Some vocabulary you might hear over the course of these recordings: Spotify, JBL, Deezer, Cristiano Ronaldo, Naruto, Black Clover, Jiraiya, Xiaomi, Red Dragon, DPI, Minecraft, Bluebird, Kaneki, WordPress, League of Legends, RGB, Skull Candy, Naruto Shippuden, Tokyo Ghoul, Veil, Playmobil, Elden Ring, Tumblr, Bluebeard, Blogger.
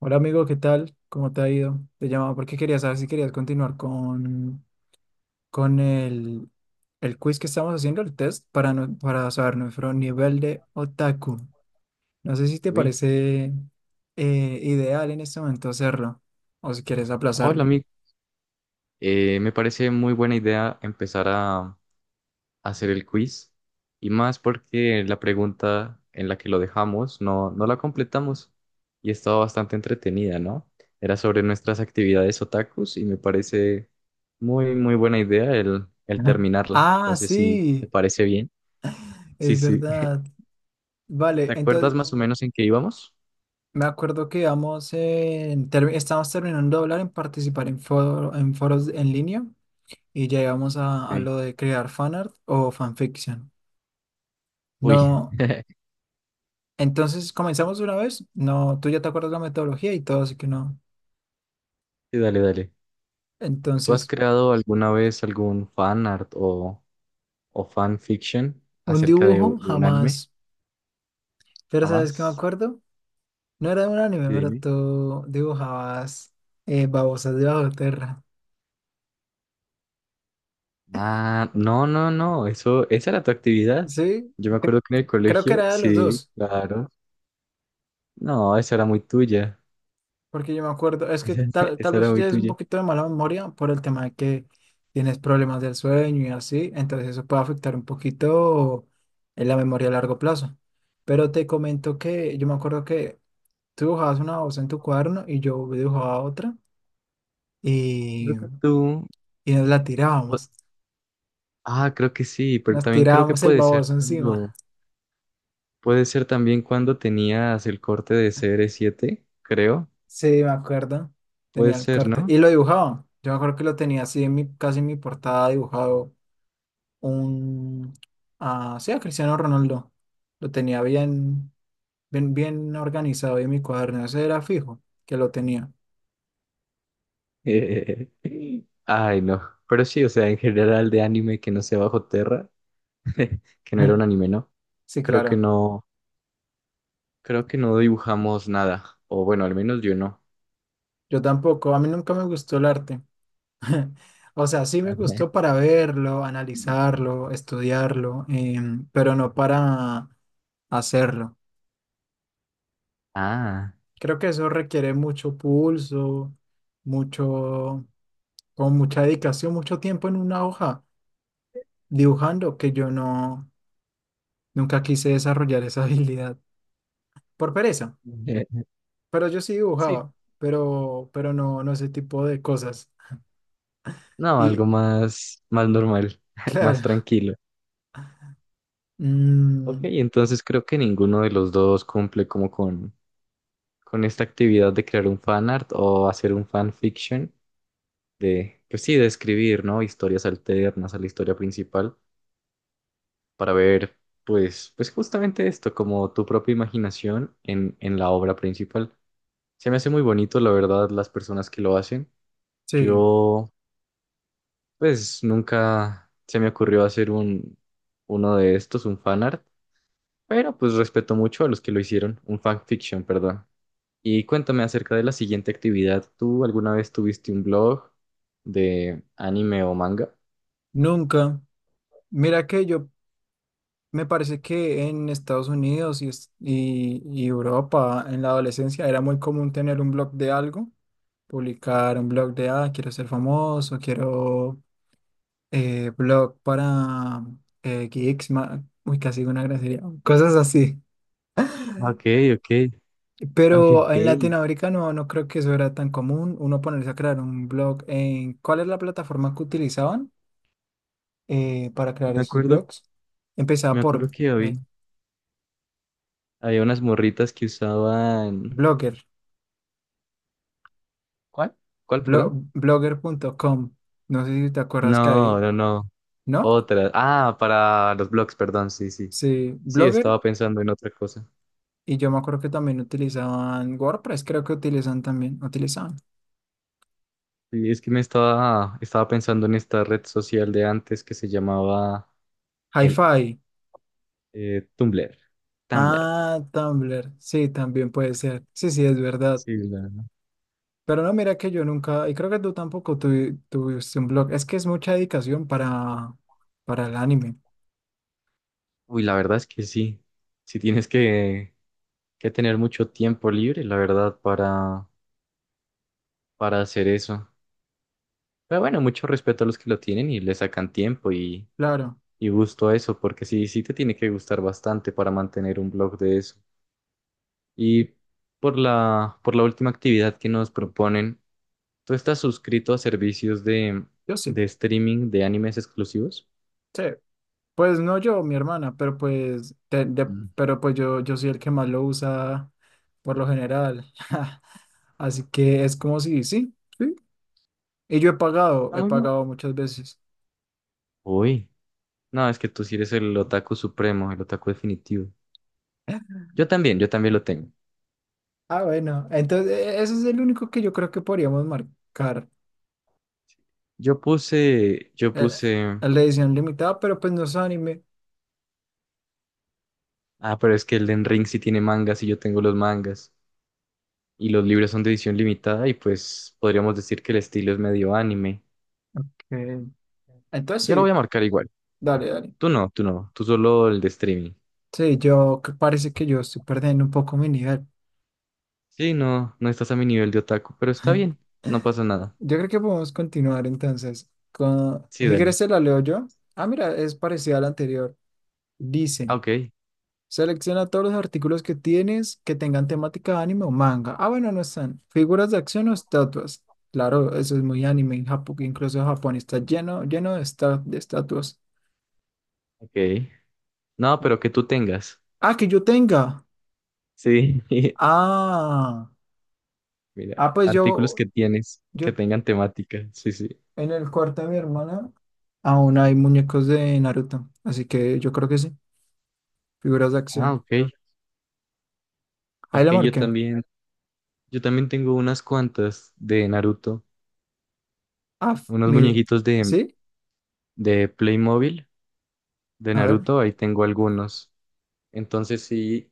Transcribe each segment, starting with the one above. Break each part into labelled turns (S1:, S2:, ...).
S1: Hola amigo, ¿qué tal? ¿Cómo te ha ido? Te llamaba porque quería saber si querías continuar con el quiz que estamos haciendo, el test, para, no- para saber nuestro nivel de otaku. No sé si te
S2: Uy,
S1: parece ideal en este momento hacerlo o si quieres
S2: hola,
S1: aplazarlo.
S2: me parece muy buena idea hacer el quiz y más porque la pregunta en la que lo dejamos no la completamos y estaba bastante entretenida, ¿no? Era sobre nuestras actividades otakus y me parece muy buena idea el
S1: Ajá.
S2: terminarla.
S1: Ah,
S2: Entonces, si te
S1: sí,
S2: parece bien. Sí,
S1: es
S2: sí.
S1: verdad. Vale,
S2: ¿Te acuerdas
S1: entonces
S2: más o menos en qué íbamos?
S1: me acuerdo que vamos estamos terminando de hablar en participar en foros en línea. Y llegamos a
S2: Ok.
S1: lo de crear fanart o fanfiction.
S2: Uy,
S1: No, entonces comenzamos una vez. No, tú ya te acuerdas la metodología y todo, así que no.
S2: sí, dale, dale. ¿Tú has
S1: Entonces,
S2: creado alguna vez algún fanart o fanfiction
S1: un
S2: acerca de,
S1: dibujo
S2: de un anime,
S1: jamás. Pero ¿sabes qué me
S2: jamás.
S1: acuerdo? No era de un anime,
S2: Y
S1: pero
S2: dime,
S1: tú dibujabas babosas de bajo tierra.
S2: Ah, no, no, no, esa era tu actividad.
S1: Sí,
S2: Yo me
S1: eh,
S2: acuerdo que en el
S1: creo que
S2: colegio,
S1: era de los
S2: sí,
S1: dos.
S2: claro. No, esa era muy tuya,
S1: Porque yo me acuerdo, es que tal
S2: esa
S1: vez
S2: era
S1: tú
S2: muy
S1: tienes un
S2: tuya.
S1: poquito de mala memoria por el tema de que tienes problemas del sueño y así, entonces eso puede afectar un poquito en la memoria a largo plazo. Pero te comento que yo me acuerdo que tú dibujabas una voz en tu cuaderno y yo dibujaba otra y,
S2: Creo que tú,
S1: y nos la
S2: o-
S1: tirábamos.
S2: ah, creo que sí, pero
S1: Nos
S2: también creo que
S1: tirábamos el baboso encima.
S2: puede ser también cuando tenías el corte de C cr siete creo,
S1: Sí, me acuerdo.
S2: puede
S1: Tenía el
S2: ser,
S1: corte.
S2: ¿no?
S1: Y lo dibujaba. Yo me acuerdo que lo tenía así en casi en mi portada dibujado un... Ah, sí, a Cristiano Ronaldo. Lo tenía bien, bien, bien organizado ahí en mi cuaderno. Ese era fijo que lo tenía.
S2: Ay, no, pero sí, o sea, en general de anime que no sea bajo tierra que no era un anime, ¿no?
S1: Sí,
S2: Creo que
S1: claro.
S2: no, creo que no dibujamos nada, o bueno, al menos yo no.
S1: Yo tampoco. A mí nunca me gustó el arte. O sea, sí me
S2: Ajá.
S1: gustó para verlo, analizarlo, estudiarlo, pero no para hacerlo.
S2: Ah,
S1: Creo que eso requiere mucho pulso, mucho, con mucha dedicación, mucho tiempo en una hoja dibujando que yo no. Nunca quise desarrollar esa habilidad por pereza,
S2: eh,
S1: pero yo sí
S2: sí,
S1: dibujaba, no ese tipo de cosas.
S2: no, algo
S1: Y
S2: más, más normal, más
S1: claro,
S2: tranquilo. Ok,
S1: mm,
S2: entonces creo que ninguno de los dos con esta actividad de crear un fanart o hacer un fanfiction, de, pues sí, de escribir, ¿no? Historias alternas a la historia principal para ver, pues, pues justamente esto, como tu propia imaginación en la obra principal. Se me hace muy bonito, la verdad, las personas que lo hacen.
S1: sí,
S2: Yo, pues, nunca se me ocurrió hacer un, uno de estos, un fanart, pero pues respeto mucho a los que lo hicieron, un fanfiction, perdón. Y cuéntame acerca de la siguiente actividad. ¿Tú alguna vez tuviste un blog de anime o manga?
S1: nunca. Mira que yo me parece que en Estados Unidos y Europa en la adolescencia era muy común tener un blog de algo, publicar un blog de, ah, quiero ser famoso, quiero blog para geeks, uy, casi una grosería, cosas así.
S2: Ok, ok, ok.
S1: Pero en latinoamericano no creo que eso era tan común, uno ponerse a crear un blog en... ¿Cuál es la plataforma que utilizaban para crear
S2: Me
S1: esos
S2: acuerdo,
S1: blogs? Empezaba
S2: me
S1: por
S2: acuerdo que
S1: ve,
S2: había unas morritas que usaban...
S1: Blogger,
S2: ¿Cuál? ¿Cuál, perdón?
S1: blogger.com. No sé si te acuerdas que
S2: No,
S1: ahí,
S2: no, no.
S1: ¿no?
S2: Otra. Ah, para los blogs, perdón, sí, sí.
S1: Sí,
S2: Sí,
S1: Blogger.
S2: estaba pensando en otra cosa.
S1: Y yo me acuerdo que también utilizaban WordPress, creo que utilizan también, utilizaban.
S2: Sí, es que estaba pensando en esta red social de antes que se llamaba el
S1: Hi-Fi.
S2: Tumblr. Tumblr.
S1: Ah, Tumblr. Sí, también puede ser. Sí, sí, es verdad.
S2: Sí, la-
S1: Pero no, mira que yo nunca, y creo que tú tampoco tuviste un blog. Es que es mucha dedicación para el anime.
S2: Uy, la verdad es que sí. si tienes que tener mucho tiempo libre, la verdad, para hacer eso. Pero bueno, mucho respeto a los que lo tienen y le sacan tiempo
S1: Claro,
S2: y gusto a eso, porque sí, sí te tiene que gustar bastante para mantener un blog de eso. Y por la última actividad que nos proponen, ¿tú estás suscrito a servicios
S1: yo sí.
S2: de streaming de animes exclusivos?
S1: Sí. Pues no yo, mi hermana, pero pues,
S2: Mm.
S1: pero pues yo soy el que más lo usa por lo general. Así que es como si, sí, sí. Y yo
S2: Está
S1: he
S2: muy bien.
S1: pagado muchas veces.
S2: Uy, no, es que tú sí eres el otaku supremo, el otaku definitivo. Yo también lo tengo.
S1: Ah, bueno, entonces ese es el único que yo creo que podríamos marcar.
S2: Yo puse, yo
S1: El
S2: puse,
S1: la edición limitada, pero pues no es anime.
S2: ah, pero es que Elden Ring sí tiene mangas y yo tengo los mangas. Y los libros son de edición limitada y pues podríamos decir que el estilo es medio anime.
S1: Ok. Entonces
S2: Yo lo voy
S1: sí.
S2: a marcar igual.
S1: Dale, dale.
S2: Tú no, tú no, tú solo el de streaming.
S1: Sí, yo parece que yo estoy perdiendo un poco mi nivel.
S2: Sí, no, no estás a mi nivel de otaku, pero está bien, no pasa nada.
S1: Yo creo que podemos continuar entonces. Con...
S2: Sí,
S1: Si
S2: dale.
S1: quieres, te la leo yo. Ah, mira, es parecida a la anterior.
S2: Ah,
S1: Dice,
S2: Ok,
S1: selecciona todos los artículos que tienes que tengan temática de anime o manga. Ah, bueno, no están. Figuras de acción o estatuas. Claro, eso es muy anime en Japón, incluso Japón está lleno, lleno de, de estatuas.
S2: ok. No, pero que tú tengas.
S1: Ah, que yo tenga.
S2: Sí,
S1: Ah,
S2: mira,
S1: ah, pues
S2: artículos que tienes, que
S1: yo
S2: tengan temática. Sí, sí.
S1: en el cuarto de mi hermana. Aún hay muñecos de Naruto, así que yo creo que sí, figuras de
S2: Ah,
S1: acción.
S2: ok.
S1: Ahí
S2: Ok,
S1: la marqué.
S2: yo también tengo unas cuantas de Naruto,
S1: Ah,
S2: unos
S1: mire,
S2: muñequitos
S1: ¿sí?
S2: de Playmobil de
S1: A ver,
S2: Naruto, ahí tengo algunos. Entonces sí,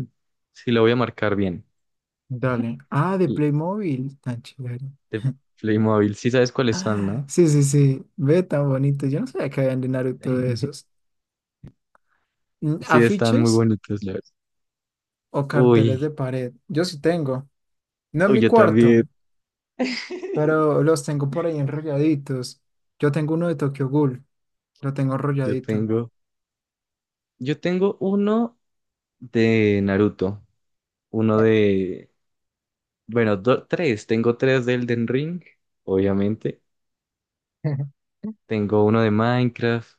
S2: sí lo voy a marcar bien.
S1: dale. Ah, de
S2: Y
S1: Playmobil, tan chévere.
S2: De Playmobil, sí sabes cuáles son,
S1: Ah,
S2: ¿no?
S1: sí, sí, sí, ve tan bonito. Yo no sabía que habían de Naruto de esos. Mm,
S2: Sí, están muy
S1: ¿afiches
S2: bonitos, la verdad.
S1: o carteles de
S2: Uy,
S1: pared? Yo sí tengo. No en
S2: uy,
S1: mi
S2: yo
S1: cuarto,
S2: también,
S1: pero los tengo por ahí enrolladitos. Yo tengo uno de Tokyo Ghoul, lo tengo
S2: yo
S1: enrolladito.
S2: tengo, yo tengo uno de Naruto, uno de, bueno, tres, tengo tres de Elden Ring, obviamente, tengo uno de Minecraft,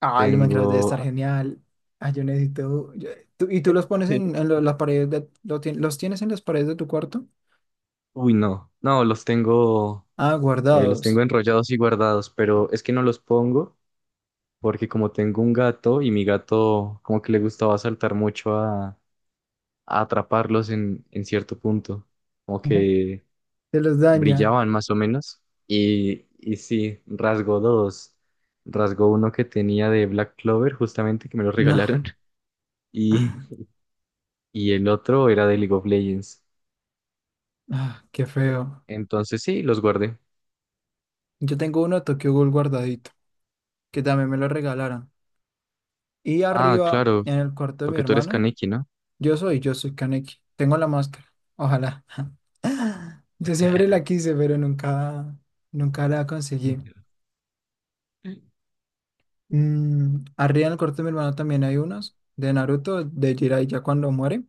S1: Ah, el Minecraft debe
S2: tengo,
S1: estar genial. Ah, yo necesito. ¿Y tú los pones en las paredes de, los tienes en las paredes de tu cuarto?
S2: uy, no,
S1: Ah,
S2: los tengo
S1: guardados.
S2: enrollados y guardados, pero es que no los pongo porque como tengo un gato y mi gato como que le gustaba saltar mucho a atraparlos en cierto punto, como
S1: Ujú.
S2: que
S1: Te los daña.
S2: brillaban más o menos. Y sí, rasgó dos. Rasgó uno que tenía de Black Clover, justamente, que me lo
S1: No.
S2: regalaron. Y, y el otro era de League of Legends.
S1: Ah, qué feo.
S2: Entonces sí, los guardé.
S1: Yo tengo uno de Tokyo Ghoul guardadito, que también me lo regalaron. Y
S2: Ah,
S1: arriba,
S2: claro,
S1: en el cuarto de mi
S2: porque tú eres
S1: hermana,
S2: Kaneki, ¿no?
S1: yo soy Kaneki. Tengo la máscara. Ojalá. Yo siempre la quise, pero nunca, nunca la conseguí. Mm, arriba en el corte de mi hermano también hay unos de Naruto, de Jiraiya ya cuando muere,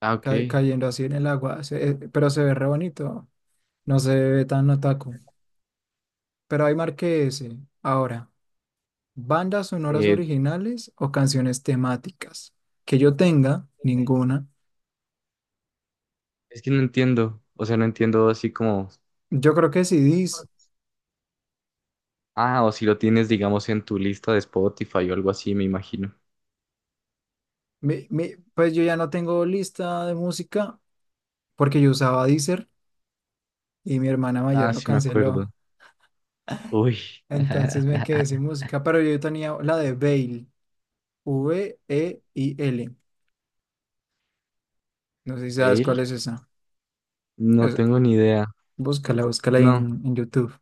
S2: Ah, ok.
S1: cayendo así en el agua, pero se ve re bonito, no se ve tan otaku. Pero hay marqué ese. Ahora, bandas sonoras
S2: Eh,
S1: originales o canciones temáticas. Que yo tenga, ninguna.
S2: es que no entiendo. O sea, no entiendo así como...
S1: Yo creo que CDs,
S2: Ah, o si lo tienes, digamos, en tu lista de Spotify o algo así, me imagino.
S1: pues yo ya no tengo lista de música porque yo usaba Deezer y mi hermana mayor
S2: Ah,
S1: lo
S2: sí me acuerdo.
S1: canceló.
S2: Uy.
S1: Entonces me quedé sin música, pero yo tenía la de Veil VEIL. No sé si sabes
S2: ¿Fail?
S1: cuál es esa.
S2: No
S1: Es-
S2: tengo ni idea.
S1: Búscala, búscala ahí
S2: No,
S1: en YouTube.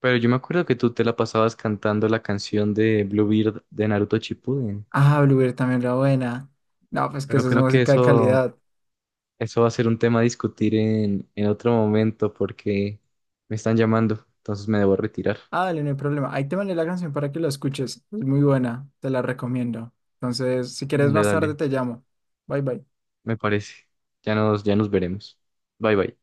S2: pero yo me acuerdo que tú te la pasabas cantando la canción de Bluebeard de Naruto Shippuden.
S1: Ah, Bluebird también la buena. No, pues que
S2: Pero
S1: esa es
S2: creo que
S1: música de
S2: eso,
S1: calidad.
S2: eso va a ser un tema a discutir en otro momento porque me están llamando, entonces me debo retirar.
S1: Ah, dale, no hay problema. Ahí te mandé la canción para que la escuches. Es muy buena, te la recomiendo. Entonces, si quieres
S2: Dale,
S1: más tarde,
S2: dale,
S1: te llamo. Bye, bye.
S2: me parece. Ya nos veremos. Bye, bye.